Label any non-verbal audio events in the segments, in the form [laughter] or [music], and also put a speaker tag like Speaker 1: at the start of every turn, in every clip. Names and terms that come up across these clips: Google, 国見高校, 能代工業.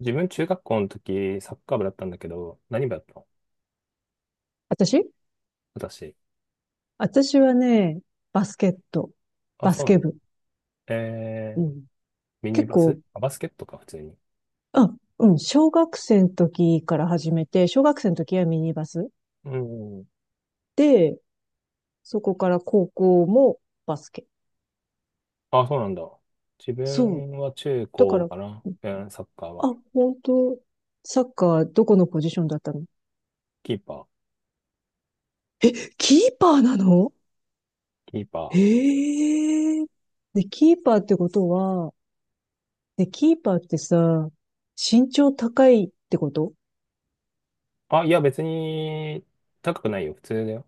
Speaker 1: 自分中学校の時、サッカー部だったんだけど、何部だったの？
Speaker 2: 私
Speaker 1: 私。
Speaker 2: 私はね、バスケット、
Speaker 1: あ、
Speaker 2: バ
Speaker 1: そ
Speaker 2: ス
Speaker 1: う
Speaker 2: ケ
Speaker 1: なんだ。
Speaker 2: 部。
Speaker 1: え
Speaker 2: う
Speaker 1: ー、
Speaker 2: ん。
Speaker 1: ミニ
Speaker 2: 結
Speaker 1: バス、
Speaker 2: 構、
Speaker 1: あ、バスケットか、普通に。
Speaker 2: あ、うん、小学生の時から始めて、小学生の時はミニバス。
Speaker 1: うん。
Speaker 2: で、そこから高校もバスケ。
Speaker 1: あ、そうなんだ。自
Speaker 2: そう。
Speaker 1: 分は中
Speaker 2: だか
Speaker 1: 高
Speaker 2: ら、
Speaker 1: かな。うん、サッカー
Speaker 2: あ、
Speaker 1: は。
Speaker 2: 本当、サッカーどこのポジションだったの？
Speaker 1: キーパー。
Speaker 2: キーパーなの？
Speaker 1: キーパ
Speaker 2: へえ。で、キーパーってことは、で、キーパーってさ、身長高いってこと？
Speaker 1: ー。あ、いや、別に、高くないよ。普通だよ。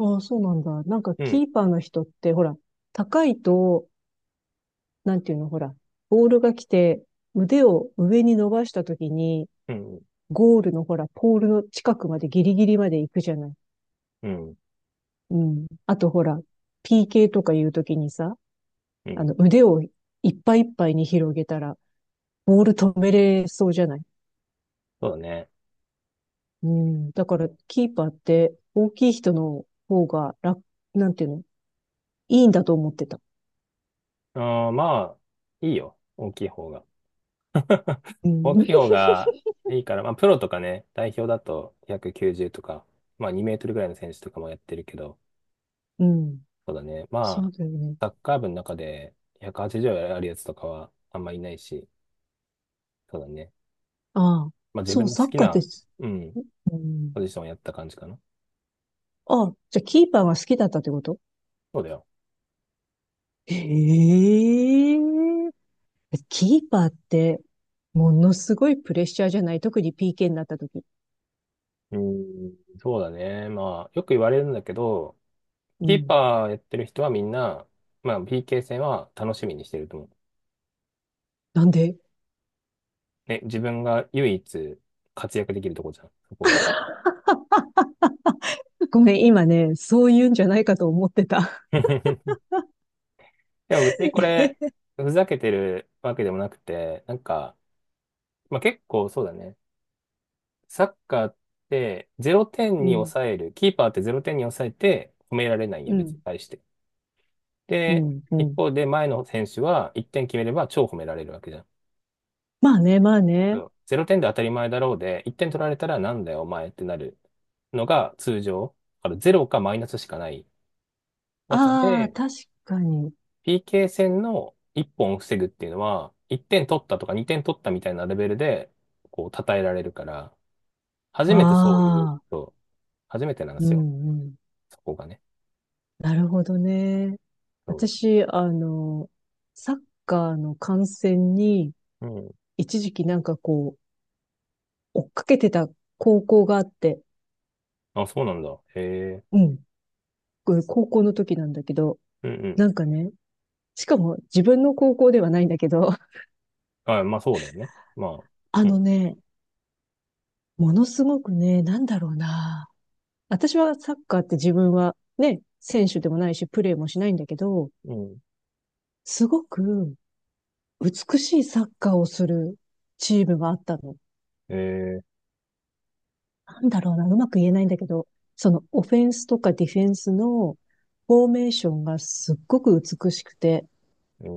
Speaker 2: ああ、そうなんだ。なんか、
Speaker 1: うん。
Speaker 2: キーパーの人って、ほら、高いと、なんていうの、ほら、ボールが来て、腕を上に伸ばしたときに、
Speaker 1: うん。
Speaker 2: ゴールのほら、ポールの近くまでギリギリまで行くじゃない。
Speaker 1: うん。
Speaker 2: うん。あとほら、PK とかいうときにさ、
Speaker 1: う
Speaker 2: あ
Speaker 1: ん。
Speaker 2: の、腕をいっぱいいっぱいに広げたら、ボール止めれそうじゃない。
Speaker 1: そうだね。
Speaker 2: うん。だから、キーパーって、大きい人の方が楽、なんていうの、いいんだと思ってた。
Speaker 1: あー、まあ、いいよ。大きい方が。
Speaker 2: う
Speaker 1: 大
Speaker 2: ん。
Speaker 1: きい方
Speaker 2: [laughs]
Speaker 1: がいいから、まあ、プロとかね、代表だと190とか、まあ、2メートルぐらいの選手とかもやってるけど、
Speaker 2: うん。
Speaker 1: そうだね。ま
Speaker 2: そう
Speaker 1: あ、
Speaker 2: だよね。
Speaker 1: サッカー部の中で180あるやつとかはあんまいないし、そうだね。
Speaker 2: ああ、
Speaker 1: まあ、自
Speaker 2: そ
Speaker 1: 分
Speaker 2: う、
Speaker 1: の好
Speaker 2: サッ
Speaker 1: き
Speaker 2: カーで
Speaker 1: な、
Speaker 2: す。
Speaker 1: うん、
Speaker 2: うん。
Speaker 1: ポジションをやった感じかな。
Speaker 2: ああ、じゃあキーパーが好きだったってこと？
Speaker 1: そうだよ。
Speaker 2: ええ、キーパーって、ものすごいプレッシャーじゃない、特に PK になった時。
Speaker 1: うん、そうだね。まあ、よく言われるんだけど、
Speaker 2: う
Speaker 1: キー
Speaker 2: ん。
Speaker 1: パーやってる人はみんな、まあ、PK 戦は楽しみにしてると思う。
Speaker 2: なんで？
Speaker 1: ね、自分が唯一活躍できるとこじゃん、そこが。
Speaker 2: ごめん、今ね、そういうんじゃないかと思ってた。
Speaker 1: [laughs] でも別にこれ、
Speaker 2: [laughs] え、
Speaker 1: ふざけてるわけでもなくて、なんか、まあ、結構そうだね。サッカーってゼロ点
Speaker 2: う
Speaker 1: に
Speaker 2: ん、
Speaker 1: 抑える。キーパーってゼロ点に抑えて褒められない
Speaker 2: う
Speaker 1: よ、別に
Speaker 2: ん、
Speaker 1: 対して。
Speaker 2: う
Speaker 1: で、
Speaker 2: ん、う
Speaker 1: 一
Speaker 2: ん。
Speaker 1: 方で前の選手は1点決めれば超褒められるわけじゃん。
Speaker 2: まあね、まあ
Speaker 1: そ
Speaker 2: ね。
Speaker 1: う、0点で当たり前だろうで、1点取られたらなんだよ、お前ってなるのが通常。だからゼロかマイナスしかない中
Speaker 2: ああ、
Speaker 1: で、
Speaker 2: 確かに。
Speaker 1: PK 戦の1本を防ぐっていうのは、1点取ったとか2点取ったみたいなレベルで、こう、称えられるから、初めてそういう、
Speaker 2: ああ、
Speaker 1: そう、初めてなんで
Speaker 2: う
Speaker 1: すよ。
Speaker 2: ん、うん。
Speaker 1: そこがね。
Speaker 2: なるほどね。
Speaker 1: そ
Speaker 2: 私、あの、サッカーの観戦に、
Speaker 1: う。うん。
Speaker 2: 一時期なんかこう、追っかけてた高校があって、
Speaker 1: あ、そうなんだ。へえ。
Speaker 2: うん、これ高校の時なんだけど、
Speaker 1: うんうん。
Speaker 2: なんかね、しかも自分の高校ではないんだけど、[laughs]
Speaker 1: あ、まあそうだよね。ま
Speaker 2: あ
Speaker 1: あ、う
Speaker 2: の
Speaker 1: ん。
Speaker 2: ね、ものすごくね、なんだろうな。私はサッカーって、自分はね、選手でもないし、プレーもしないんだけど、
Speaker 1: うん。
Speaker 2: すごく美しいサッカーをするチームがあったの。
Speaker 1: え
Speaker 2: なんだろうな、うまく言えないんだけど、そのオフェンスとかディフェンスのフォーメーションがすっごく美しくて、
Speaker 1: ー、え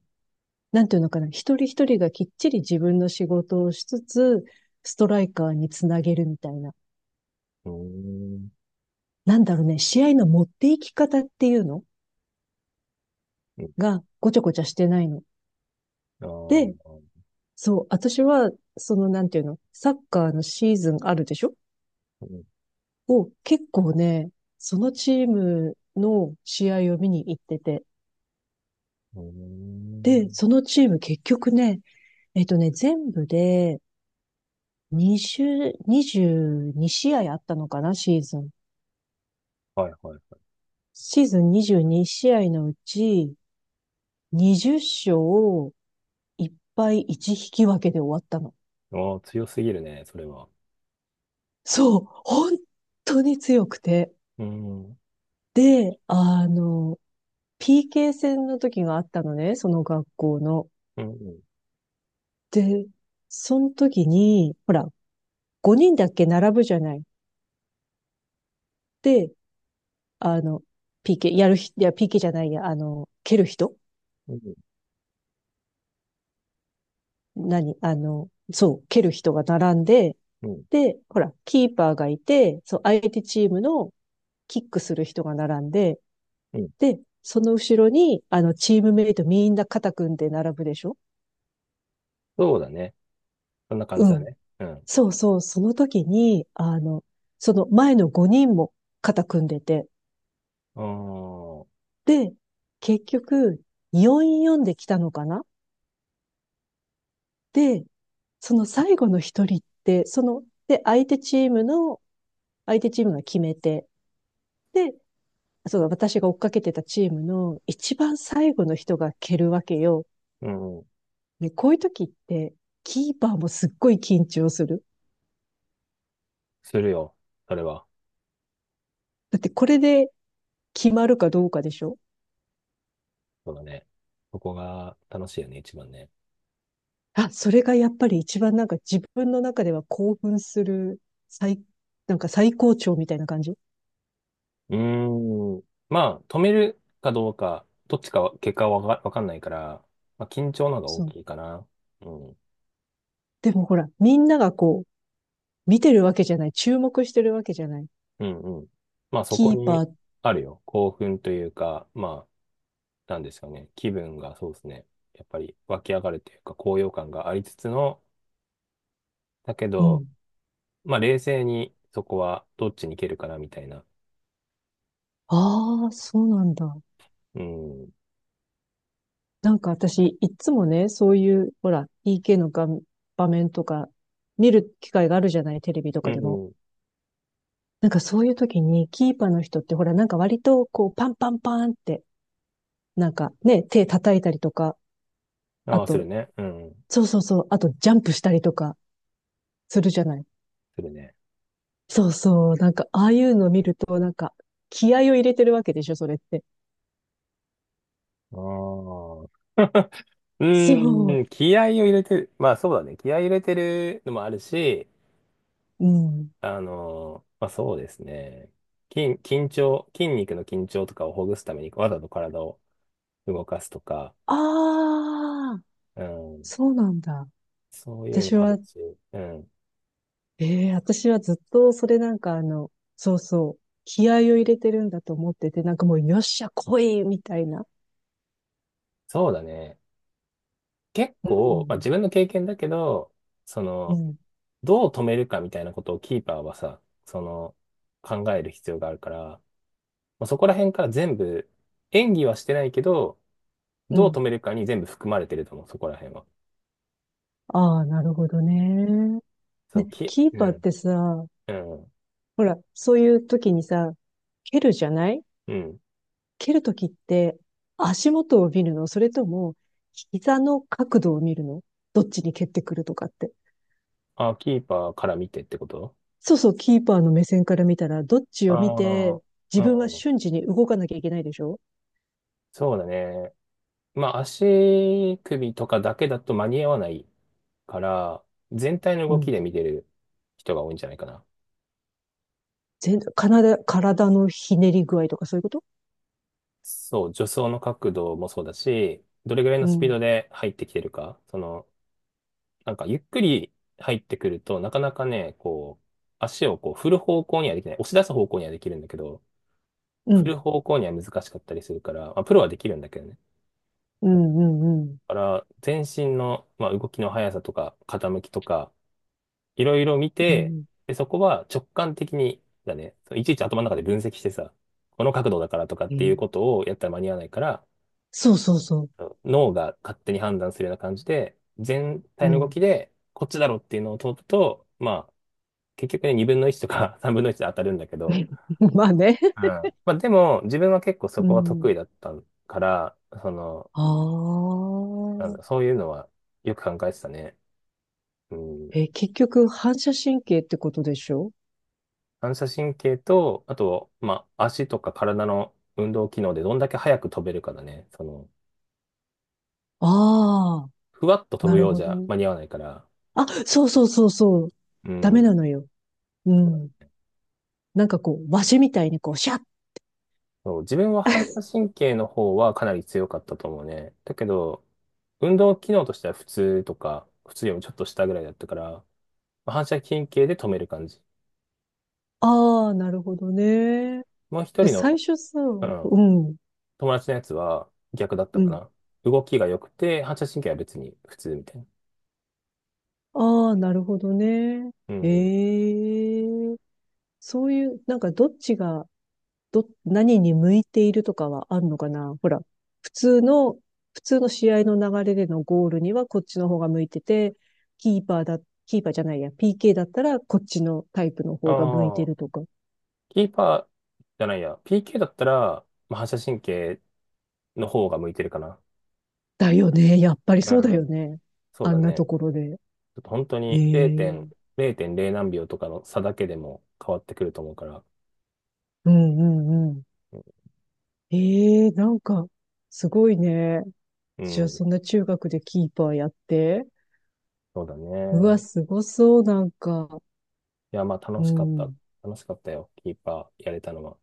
Speaker 1: ー、
Speaker 2: なんていうのかな、一人一人がきっちり自分の仕事をしつつ、ストライカーにつなげるみたいな。
Speaker 1: うーん。
Speaker 2: なんだろうね、試合の持っていき方っていうの
Speaker 1: うん。
Speaker 2: がごちゃごちゃしてないの。
Speaker 1: あ
Speaker 2: で、
Speaker 1: ー、
Speaker 2: そう、私は、そのなんていうの、サッカーのシーズンあるでしょ？
Speaker 1: うん。
Speaker 2: を結構ね、そのチームの試合を見に行ってて、
Speaker 1: うーん。
Speaker 2: で、そのチーム結局ね、えっとね、全部で20、22試合あったのかな、シーズン。
Speaker 1: はいはいはい。
Speaker 2: シーズン22試合のうち、20勝を1敗1引き分けで終わったの。
Speaker 1: ああ、強すぎるね、それは。
Speaker 2: そう、本当に強くて。
Speaker 1: うん。うん
Speaker 2: で、あの、PK 戦の時があったのね、その学校の。
Speaker 1: うん。
Speaker 2: で、その時に、ほら、5人だっけ並ぶじゃない。で、あの、PK、やるひ、いや、PK じゃないや、あの、蹴る人、
Speaker 1: うん。
Speaker 2: 何あの、そう、蹴る人が並んで、
Speaker 1: うん。
Speaker 2: で、ほら、キーパーがいて、そう、相手チームのキックする人が並んで、
Speaker 1: うん、
Speaker 2: で、その後ろに、あの、チームメイトみんな肩組んで並ぶでしょ？
Speaker 1: そうだね。そんな感
Speaker 2: う
Speaker 1: じだ
Speaker 2: ん。
Speaker 1: ね。うん。
Speaker 2: そうそう、その時に、あの、その前の5人も肩組んでて、
Speaker 1: う
Speaker 2: で、結局、4-4で来たのかな？で、その最後の一人って、その、で、相手チームが決めて、で、その私が追っかけてたチームの一番最後の人が蹴るわけよ。
Speaker 1: ーん。うん。
Speaker 2: ね、こういう時って、キーパーもすっごい緊張する。
Speaker 1: するよ。それは。
Speaker 2: だってこれで決まるかどうかでしょ？
Speaker 1: そうだね。そこが楽しいよね、一番ね。
Speaker 2: あ、それがやっぱり一番なんか自分の中では興奮する、最、なんか最高潮みたいな感じ。
Speaker 1: うーん。まあ、止めるかどうか、どっちかは、結果はわかんないから、まあ、緊張の方が大
Speaker 2: そう。
Speaker 1: きいかな。うん。
Speaker 2: でもほら、みんながこう、見てるわけじゃない。注目してるわけじゃない。
Speaker 1: うんうん。まあ、そこ
Speaker 2: キーパ
Speaker 1: に
Speaker 2: ー、
Speaker 1: あるよ。興奮というか、まあ、なんですかね。気分がそうですね。やっぱり湧き上がるというか、高揚感がありつつの、だけ
Speaker 2: うん。
Speaker 1: ど、まあ、冷静にそこはどっちに行けるかな、みたいな。
Speaker 2: ああ、そうなんだ。
Speaker 1: うん。
Speaker 2: なんか私、いつもね、そういう、ほら、PK の画、場面とか、見る機会があるじゃない、テレビと
Speaker 1: う
Speaker 2: かでも。
Speaker 1: ん。
Speaker 2: なんかそういう時に、キーパーの人って、ほら、なんか割と、こう、パンパンパンって、なんかね、手叩いたりとか、あ
Speaker 1: ああ、する
Speaker 2: と、
Speaker 1: ね。うん。
Speaker 2: そうそうそう、あと、ジャンプしたりとか、するじゃない。
Speaker 1: するね。
Speaker 2: そうそう、なんか、ああいうの見ると、なんか、気合を入れてるわけでしょ、それって。
Speaker 1: ああ。う
Speaker 2: そう、
Speaker 1: ーん。気合を入れてる。まあそうだね。気合を入れてるのもあるし、
Speaker 2: うん。
Speaker 1: まあそうですね。緊張、筋肉の緊張とかをほぐすためにわざと体を動かすとか、
Speaker 2: ああ、
Speaker 1: うん。
Speaker 2: そうなんだ。
Speaker 1: そういうの
Speaker 2: 私
Speaker 1: もあ
Speaker 2: は、
Speaker 1: るし、うん。
Speaker 2: ええ、私はずっとそれなんかあの、そうそう、気合を入れてるんだと思ってて、なんかもうよっしゃ来いみたいな。
Speaker 1: そうだね。結
Speaker 2: う
Speaker 1: 構、まあ自
Speaker 2: ん、
Speaker 1: 分の経験だけど、そ
Speaker 2: う
Speaker 1: の、
Speaker 2: ん、
Speaker 1: どう止めるかみたいなことをキーパーはさ、その、考える必要があるから、まあ、そこら辺から全部、演技はしてないけど、
Speaker 2: う
Speaker 1: どう
Speaker 2: ん。
Speaker 1: 止めるかに全部含まれてると思う、そこら辺は。
Speaker 2: ああ、なるほどね。ね、キー
Speaker 1: う
Speaker 2: パーっ
Speaker 1: ん、
Speaker 2: てさ、
Speaker 1: うん、
Speaker 2: ほら、そういう時にさ、蹴るじゃない？
Speaker 1: うん。
Speaker 2: 蹴る時って、足元を見るの？それとも膝の角度を見るの？どっちに蹴ってくるとかって。
Speaker 1: あ、キーパーから見てってこと？
Speaker 2: そうそう、キーパーの目線から見たら、どっち
Speaker 1: あ
Speaker 2: を見
Speaker 1: あ
Speaker 2: て、自分は
Speaker 1: ー、うん、
Speaker 2: 瞬時に動かなきゃいけないでしょ？
Speaker 1: そうだね。まあ、足首とかだけだと間に合わないから、全体の
Speaker 2: う
Speaker 1: 動き
Speaker 2: ん。
Speaker 1: で見てる人が多いんじゃないかな。
Speaker 2: 全然、体のひねり具合とかそういうこと？
Speaker 1: そう、助走の角度もそうだし、どれぐらい
Speaker 2: う
Speaker 1: のスピー
Speaker 2: ん。
Speaker 1: ドで入ってきてるか、その、なんかゆっくり入ってくると、なかなかね、こう、足をこう振る方向にはできない。押し出す方向にはできるんだけど、
Speaker 2: う
Speaker 1: 振る
Speaker 2: ん。
Speaker 1: 方向には難しかったりするから、まあ、プロはできるんだけどね。
Speaker 2: うん、うん、
Speaker 1: だから、全身の、まあ、動きの速さとか、傾きとか、いろいろ見
Speaker 2: う
Speaker 1: て、
Speaker 2: ん。
Speaker 1: で、そこは直感的に、だね、そういちいち頭の中で分析してさ、この角度だからとかっ
Speaker 2: う
Speaker 1: ていう
Speaker 2: ん。
Speaker 1: ことをやったら間に合わないから、
Speaker 2: そうそうそ
Speaker 1: 脳が勝手に判断するような感じで、全
Speaker 2: う。う
Speaker 1: 体の動
Speaker 2: ん。
Speaker 1: きで、こっちだろっていうのを通ると、まあ、結局ね、2分の1とか [laughs] 3分の1で当たるんだけど、
Speaker 2: [laughs] まあね。
Speaker 1: うん。まあでも、自分は結構そ
Speaker 2: う
Speaker 1: こは得意
Speaker 2: ん。
Speaker 1: だったから、その、
Speaker 2: あ
Speaker 1: なん
Speaker 2: あ。
Speaker 1: だ、そういうのはよく考えてたね。うん。
Speaker 2: え、結局、反射神経ってことでしょ？
Speaker 1: 反射神経と、あと、まあ、足とか体の運動機能でどんだけ早く飛べるかだね。その、
Speaker 2: ああ
Speaker 1: ふわっと
Speaker 2: ー、
Speaker 1: 飛
Speaker 2: な
Speaker 1: ぶ
Speaker 2: る
Speaker 1: よう
Speaker 2: ほ
Speaker 1: じ
Speaker 2: ど
Speaker 1: ゃ
Speaker 2: ね。
Speaker 1: 間に合わないから、
Speaker 2: あ、そうそうそうそう。
Speaker 1: う
Speaker 2: ダメな
Speaker 1: ん。
Speaker 2: のよ。う
Speaker 1: そうだ、
Speaker 2: ん。なんかこう、わしみたいにこう、シャッ。
Speaker 1: そう、自分は反射神経の方はかなり強かったと思うね。だけど、運動機能としては普通とか、普通よりもちょっと下ぐらいだったから、反射神経で止める感じ。
Speaker 2: ああ、なるほどね。
Speaker 1: もう一
Speaker 2: で、
Speaker 1: 人
Speaker 2: 最
Speaker 1: の、
Speaker 2: 初さ、
Speaker 1: う
Speaker 2: う
Speaker 1: ん、
Speaker 2: ん、
Speaker 1: 友達のやつは逆だった
Speaker 2: う
Speaker 1: か
Speaker 2: ん。
Speaker 1: な。動きが良くて、反射神経は別に普通みたいな。
Speaker 2: ああ、なるほどね。
Speaker 1: うん。
Speaker 2: ええ、そういう、なんかどっちが、ど、何に向いているとかはあるのかな？ほら、普通の、普通の試合の流れでのゴールにはこっちの方が向いてて、キーパーだ、キーパーじゃないや、PK だったらこっちのタイプの
Speaker 1: あ
Speaker 2: 方が向いて
Speaker 1: あ、
Speaker 2: るとか。
Speaker 1: キーパーじゃないや。PK だったら、まあ、反射神経の方が向いてるかな。
Speaker 2: だよね。やっぱり
Speaker 1: う
Speaker 2: そうだよ
Speaker 1: ん、
Speaker 2: ね。
Speaker 1: そう
Speaker 2: あ
Speaker 1: だ
Speaker 2: んな
Speaker 1: ね。
Speaker 2: ところで。
Speaker 1: ちょっと本当
Speaker 2: え
Speaker 1: に
Speaker 2: え、
Speaker 1: 0.0何秒とかの差だけでも変わってくると思うから。
Speaker 2: うんうんうん。
Speaker 1: うん、
Speaker 2: ええ、なんか、すごいね。
Speaker 1: う
Speaker 2: じゃあ、
Speaker 1: ん、
Speaker 2: そんな中学でキーパーやって。
Speaker 1: そうだ
Speaker 2: うわ、
Speaker 1: ね。
Speaker 2: すごそう、なんか。
Speaker 1: いや、まあ
Speaker 2: う
Speaker 1: 楽しかった。
Speaker 2: ん。
Speaker 1: 楽しかったよ。キーパーやれたのは。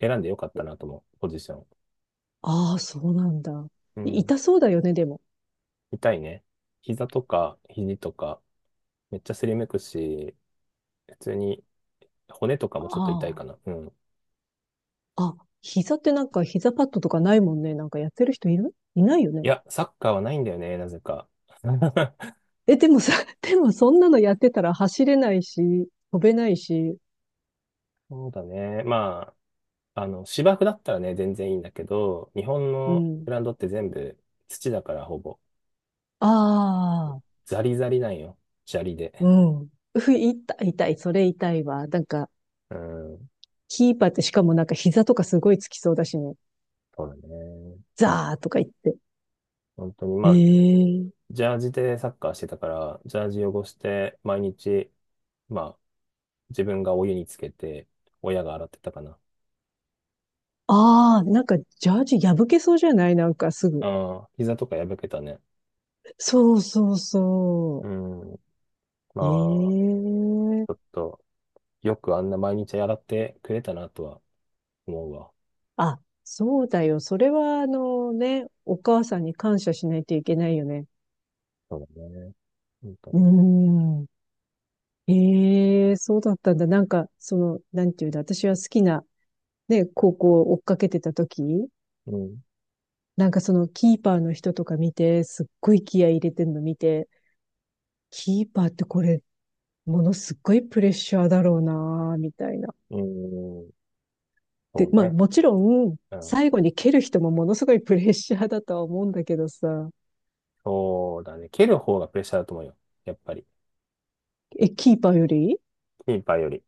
Speaker 1: 選んでよかったなと思う、ポジション。
Speaker 2: ああ、そうなんだ。
Speaker 1: う
Speaker 2: い、
Speaker 1: ん。
Speaker 2: 痛そうだよね、でも。
Speaker 1: 痛いね。膝とか肘とか、めっちゃすりむくし、普通に骨とかもちょっと痛
Speaker 2: あ
Speaker 1: いかな。うん。
Speaker 2: あ。あ、膝ってなんか膝パッドとかないもんね。なんかやってる人いる、いないよね。
Speaker 1: いや、サッカーはないんだよね、なぜか。[laughs]
Speaker 2: え、でもさ、[laughs] でもそんなのやってたら走れないし、飛べないし。
Speaker 1: そうだね。まあ、あの、芝生だったらね、全然いいんだけど、日本
Speaker 2: う
Speaker 1: の
Speaker 2: ん。
Speaker 1: グラウンドって全部土だからほぼ、
Speaker 2: ああ、
Speaker 1: ザリザリなんよ。砂利
Speaker 2: う
Speaker 1: で。
Speaker 2: ん。ふ、痛い、痛い、それ痛いわ。なんか、
Speaker 1: うん、
Speaker 2: キーパーってしかもなんか膝とかすごいつきそうだしね。
Speaker 1: そうだね。
Speaker 2: ザーとか言って。
Speaker 1: 本当に、まあ、
Speaker 2: ええ、
Speaker 1: ジャージでサッカーしてたから、ジャージ汚して、毎日、まあ、自分がお湯につけて、親が洗ってたかな。
Speaker 2: ああ、なんかジャージ破けそうじゃない？なんかすぐ。
Speaker 1: ああ、膝とか破けたね。
Speaker 2: そうそう
Speaker 1: う
Speaker 2: そ
Speaker 1: ん。まあ、ち
Speaker 2: う。
Speaker 1: ょ
Speaker 2: ええ、
Speaker 1: っと、よくあんな毎日洗ってくれたなとは思うわ。
Speaker 2: あ、そうだよ。それはあのね、お母さんに感謝しないといけないよね。
Speaker 1: そうだね。本当
Speaker 2: うー
Speaker 1: に。
Speaker 2: ん。ええ、そうだったんだ。なんか、その、なんていうんだ、私は好きなね、高校を追っかけてた時、
Speaker 1: うん。
Speaker 2: なんかそのキーパーの人とか見て、すっごい気合い入れてんの見て、キーパーってこれ、ものすっごいプレッシャーだろうな、みたいな。
Speaker 1: うん。
Speaker 2: で、
Speaker 1: そう
Speaker 2: まあ
Speaker 1: ね。
Speaker 2: もちろん、
Speaker 1: うん。
Speaker 2: 最後に蹴る人もものすごいプレッシャーだとは思うんだけどさ、
Speaker 1: そうだね。蹴る方がプレッシャーだと思うよ。やっぱり。
Speaker 2: え、キーパーより？
Speaker 1: キーパーより。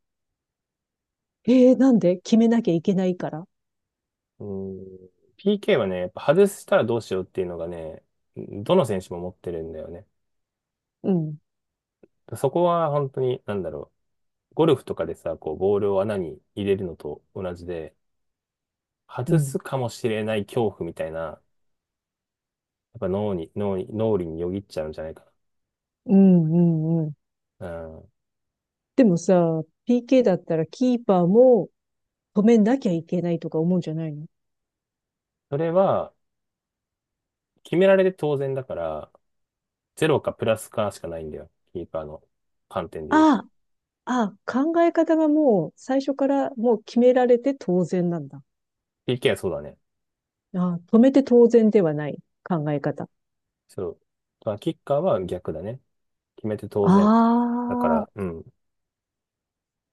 Speaker 2: えー、なんで？決めなきゃいけないから？
Speaker 1: うん。PK はね、やっぱ外したらどうしようっていうのがね、どの選手も持ってるんだよね。
Speaker 2: うん、
Speaker 1: そこは本当に、なんだろ、ゴルフとかでさ、こう、ボールを穴に入れるのと同じで、
Speaker 2: う
Speaker 1: 外
Speaker 2: ん、
Speaker 1: すかもしれない恐怖みたいな、やっぱ脳裏によぎっちゃうんじゃないか
Speaker 2: うん、うん、うん。
Speaker 1: な。うん。
Speaker 2: でもさ、PK だったらキーパーも止めなきゃいけないとか思うんじゃないの？
Speaker 1: それは、決められて当然だから、ゼロかプラスかしかないんだよ。キーパーの観点で言うと。
Speaker 2: ああ、ああ、考え方がもう最初からもう決められて当然なんだ。
Speaker 1: PK はそうだね。
Speaker 2: ああ、止めて当然ではない考え方。
Speaker 1: そう。まあ、キッカーは逆だね。決めて当然。だか
Speaker 2: ああ、
Speaker 1: ら、うん。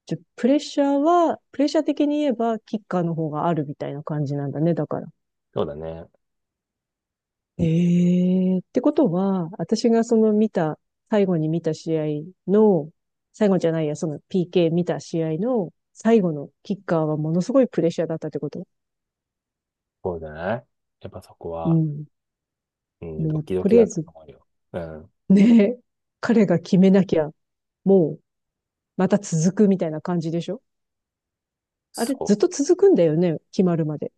Speaker 2: じゃ、プレッシャーは、プレッシャー的に言えば、キッカーの方があるみたいな感じなんだね、だから。
Speaker 1: そうだね。
Speaker 2: ええってことは、私がその見た、最後に見た試合の、最後じゃないや、その PK 見た試合の最後のキッカーはものすごいプレッシャーだったってこと。
Speaker 1: そうじゃない？やっぱそこ
Speaker 2: う
Speaker 1: は、
Speaker 2: ん。
Speaker 1: うん、
Speaker 2: も
Speaker 1: ド
Speaker 2: う、
Speaker 1: キド
Speaker 2: と
Speaker 1: キ
Speaker 2: りあ
Speaker 1: だ
Speaker 2: え
Speaker 1: った
Speaker 2: ず、
Speaker 1: と思うよ。うん。
Speaker 2: ね、彼が決めなきゃ、もう、また続くみたいな感じでしょ？あ
Speaker 1: そ
Speaker 2: れ、ずっ
Speaker 1: う。
Speaker 2: と続くんだよね、決まるまで。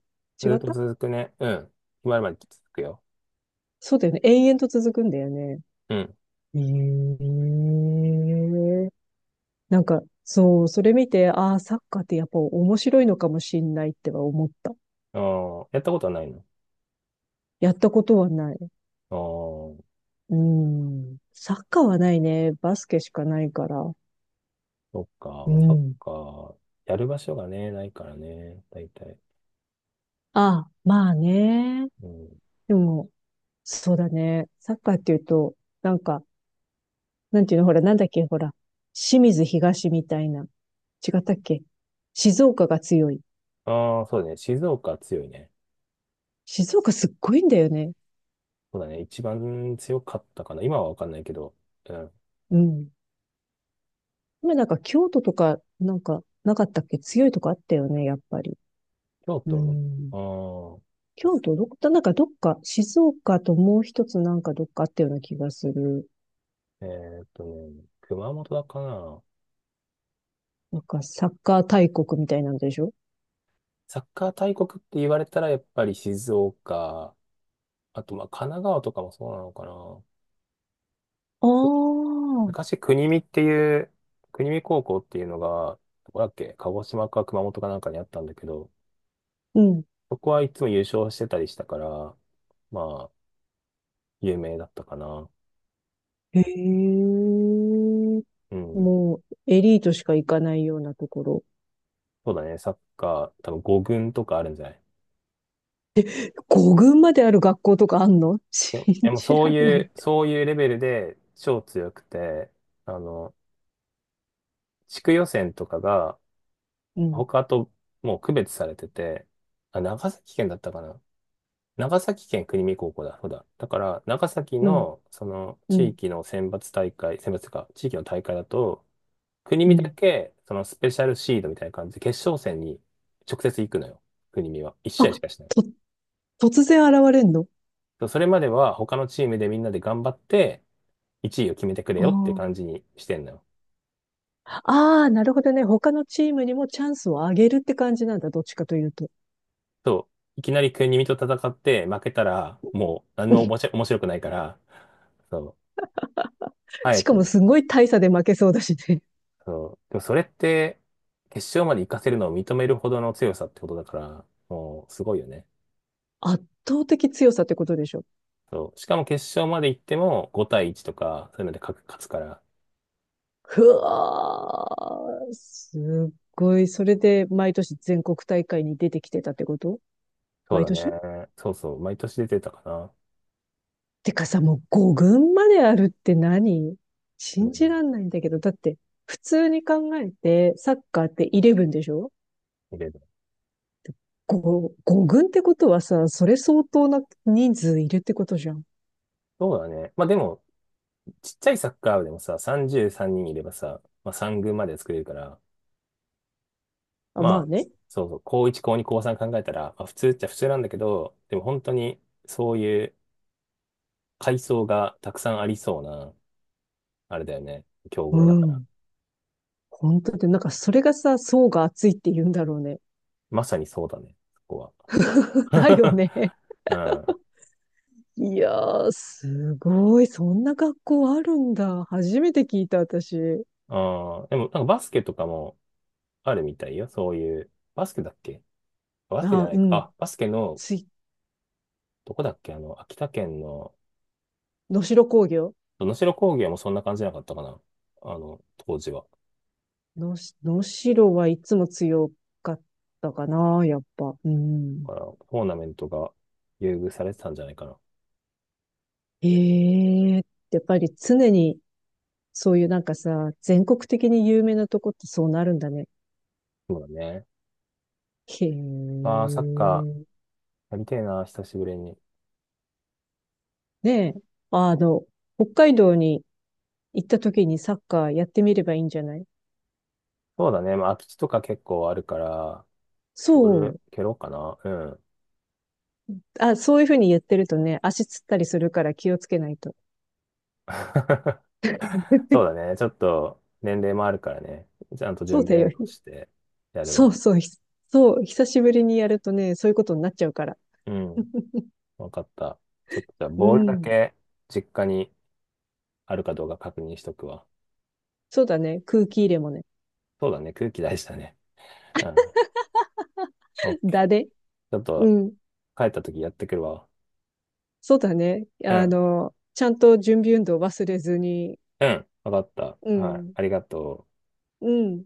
Speaker 2: 違
Speaker 1: ずっ
Speaker 2: っ
Speaker 1: と
Speaker 2: た。
Speaker 1: 続くね。うん。決まるまで続くよ。
Speaker 2: そうだよね。延々と続くんだよね。
Speaker 1: うん。
Speaker 2: ええ、なんか、そう、それ見て、ああ、サッカーってやっぱ面白いのかもしんないっては思った。
Speaker 1: あー、やったことはないの？
Speaker 2: やったことはない。
Speaker 1: ああ、
Speaker 2: うん。サッカーはないね。バスケしかないから。
Speaker 1: そっか。
Speaker 2: う
Speaker 1: まあサッ
Speaker 2: ん。
Speaker 1: カー、やる場所がね、ないからね、大体。
Speaker 2: ああ、まあね。
Speaker 1: うん。
Speaker 2: でも、そうだね。サッカーっていうと、なんか、なんていうの、ほら、なんだっけ、ほら、清水東みたいな。違ったっけ？静岡が強い。
Speaker 1: ああ、そうだね。静岡強いね。
Speaker 2: 静岡すっごいんだよね。
Speaker 1: そうだね。一番強かったかな。今はわかんないけど。うん。
Speaker 2: うん。今なんか京都とか、なんか、なかったっけ？強いとこあったよね、やっぱり。
Speaker 1: 京
Speaker 2: う
Speaker 1: 都、
Speaker 2: ん。
Speaker 1: ああー、
Speaker 2: 京都どこだ、なんかどっか、静岡ともう一つなんかどっかあったような気がする。
Speaker 1: ね、熊本だかな。
Speaker 2: なんかサッカー大国みたいなんでしょ？
Speaker 1: サッカー大国って言われたら、やっぱり静岡、あと、まあ、神奈川とかもそうなのかな。
Speaker 2: ああ、
Speaker 1: 昔、国見高校っていうのが、どこだっけ、鹿児島か熊本かなんかにあったんだけど、
Speaker 2: うん。
Speaker 1: そこはいつも優勝してたりしたから、まあ、有名だったかな。
Speaker 2: へえ。
Speaker 1: うん。
Speaker 2: もう、エリートしか行かないようなところ。
Speaker 1: そうだね、サッカー、多分5軍とかあるんじゃない？
Speaker 2: 五軍まである学校とかあんの？ [laughs]
Speaker 1: で
Speaker 2: 信
Speaker 1: でも
Speaker 2: じ
Speaker 1: そう
Speaker 2: らん
Speaker 1: い
Speaker 2: ないっ
Speaker 1: う、
Speaker 2: て。
Speaker 1: そういうレベルで超強くて、あの、地区予選とかが、
Speaker 2: うん、
Speaker 1: 他ともう区別されてて、あ、長崎県だったかな。長崎県国見高校だ、そうだ。だから、長崎
Speaker 2: うん、
Speaker 1: の、その、
Speaker 2: う
Speaker 1: 地
Speaker 2: ん、
Speaker 1: 域の選抜大会、選抜というか、地域の大会だと、国
Speaker 2: う
Speaker 1: 見だ
Speaker 2: ん。
Speaker 1: け、スペシャルシードみたいな感じで、決勝戦に直接行くのよ。国見は。1
Speaker 2: あ、
Speaker 1: 試合しかしない。
Speaker 2: と、突然現れんの？
Speaker 1: そう。それまでは、他のチームでみんなで頑張って、1位を決めてくれ
Speaker 2: あ
Speaker 1: よって感じ
Speaker 2: あ、
Speaker 1: にしてんのよ。
Speaker 2: ああ、なるほどね。他のチームにもチャンスをあげるって感じなんだ。どっちかというと。
Speaker 1: そう。いきなり国見と戦って、負けたら、もう、何もおも
Speaker 2: [laughs]
Speaker 1: し面白くないから、そう。あ
Speaker 2: し
Speaker 1: え
Speaker 2: か
Speaker 1: て
Speaker 2: も
Speaker 1: ね。
Speaker 2: すごい大差で負けそうだしね。
Speaker 1: そう。でもそれって、決勝まで行かせるのを認めるほどの強さってことだから、もうすごいよね。
Speaker 2: 圧倒的強さってことでしょ。
Speaker 1: そう。しかも決勝まで行っても5対1とか、そういうので勝つから。
Speaker 2: ふわー。すっごい。それで毎年全国大会に出てきてたってこと？
Speaker 1: そう
Speaker 2: 毎
Speaker 1: だ
Speaker 2: 年。
Speaker 1: ね。そうそう。毎年出てたかな。
Speaker 2: てかさ、もう5軍まであるって何？
Speaker 1: うん。
Speaker 2: 信じらんないんだけど。だって、普通に考えて、サッカーってイレブンでしょ？
Speaker 1: 見れる。
Speaker 2: 5、5軍ってことはさ、それ相当な人数いるってことじゃん。
Speaker 1: そうだね。まあでも、ちっちゃいサッカー部でもさ、33人いればさ、まあ3軍まで作れるから、
Speaker 2: あ、まあ
Speaker 1: まあ、
Speaker 2: ね。
Speaker 1: そうそう、高1、高2、高3考えたら、まあ普通っちゃ普通なんだけど、でも本当にそういう階層がたくさんありそうな、あれだよね。競
Speaker 2: う
Speaker 1: 合だから。
Speaker 2: ん。本当で、なんかそれがさ、層が厚いって言うんだろうね。
Speaker 1: まさにそうだね、そこは。
Speaker 2: [laughs] だよ
Speaker 1: [laughs]
Speaker 2: ね。
Speaker 1: うん。
Speaker 2: いやー、すごい。そんな学校あるんだ。初めて聞いた、私。
Speaker 1: あーでも、なんかバスケとかもあるみたいよ。そういう、バスケだっけ？バスケじゃ
Speaker 2: あ、
Speaker 1: な
Speaker 2: う
Speaker 1: いか。
Speaker 2: ん。
Speaker 1: あ、バスケの、
Speaker 2: つい、
Speaker 1: どこだっけ秋田県の、
Speaker 2: 能代工業。
Speaker 1: 能代工業もそんな感じじゃなかったかな。当時は。
Speaker 2: のし、能代はいつも強かったかな、やっぱ。うん。
Speaker 1: だから、トーナメントが優遇されてたんじゃないかな。
Speaker 2: ええ、やっぱり常に、そういうなんかさ、全国的に有名なとこってそうなるんだね。
Speaker 1: そうだね。
Speaker 2: へ
Speaker 1: まあ、サッカ
Speaker 2: え。
Speaker 1: ーやりてえな、久しぶりに。
Speaker 2: ねえ、あの、北海道に行った時にサッカーやってみればいいんじゃない？
Speaker 1: そうだね。まあ、空き地とか結構あるから、
Speaker 2: そ
Speaker 1: 俺、
Speaker 2: う。
Speaker 1: 蹴ろうかな。うん。
Speaker 2: あ、そういうふうにやってるとね、足つったりするから気をつけないと。
Speaker 1: [laughs] そうだね。ちょっと年齢もあるからね。ちゃんと
Speaker 2: そう
Speaker 1: 準
Speaker 2: だ
Speaker 1: 備運
Speaker 2: よ。
Speaker 1: 動してやれ
Speaker 2: そう
Speaker 1: ば。
Speaker 2: そう。ひ、そう。久しぶりにやるとね、そういうことになっちゃうから。
Speaker 1: うん。わかった。ちょっとじゃあ、
Speaker 2: う
Speaker 1: ボールだ
Speaker 2: ん。
Speaker 1: け実家にあるかどうか確認しとくわ。
Speaker 2: そうだね。空気入れもね。
Speaker 1: そうだね。空気大事だね。うん。オッケ
Speaker 2: だ
Speaker 1: ー。
Speaker 2: で。
Speaker 1: ちょっ
Speaker 2: う
Speaker 1: と
Speaker 2: ん。
Speaker 1: 帰った時やってくるわ。
Speaker 2: そうだね。
Speaker 1: う
Speaker 2: あ
Speaker 1: ん。
Speaker 2: の、ちゃんと準備運動忘れずに。
Speaker 1: うん。わかっ
Speaker 2: う
Speaker 1: た。はい。
Speaker 2: ん。
Speaker 1: ありがとう。
Speaker 2: うん。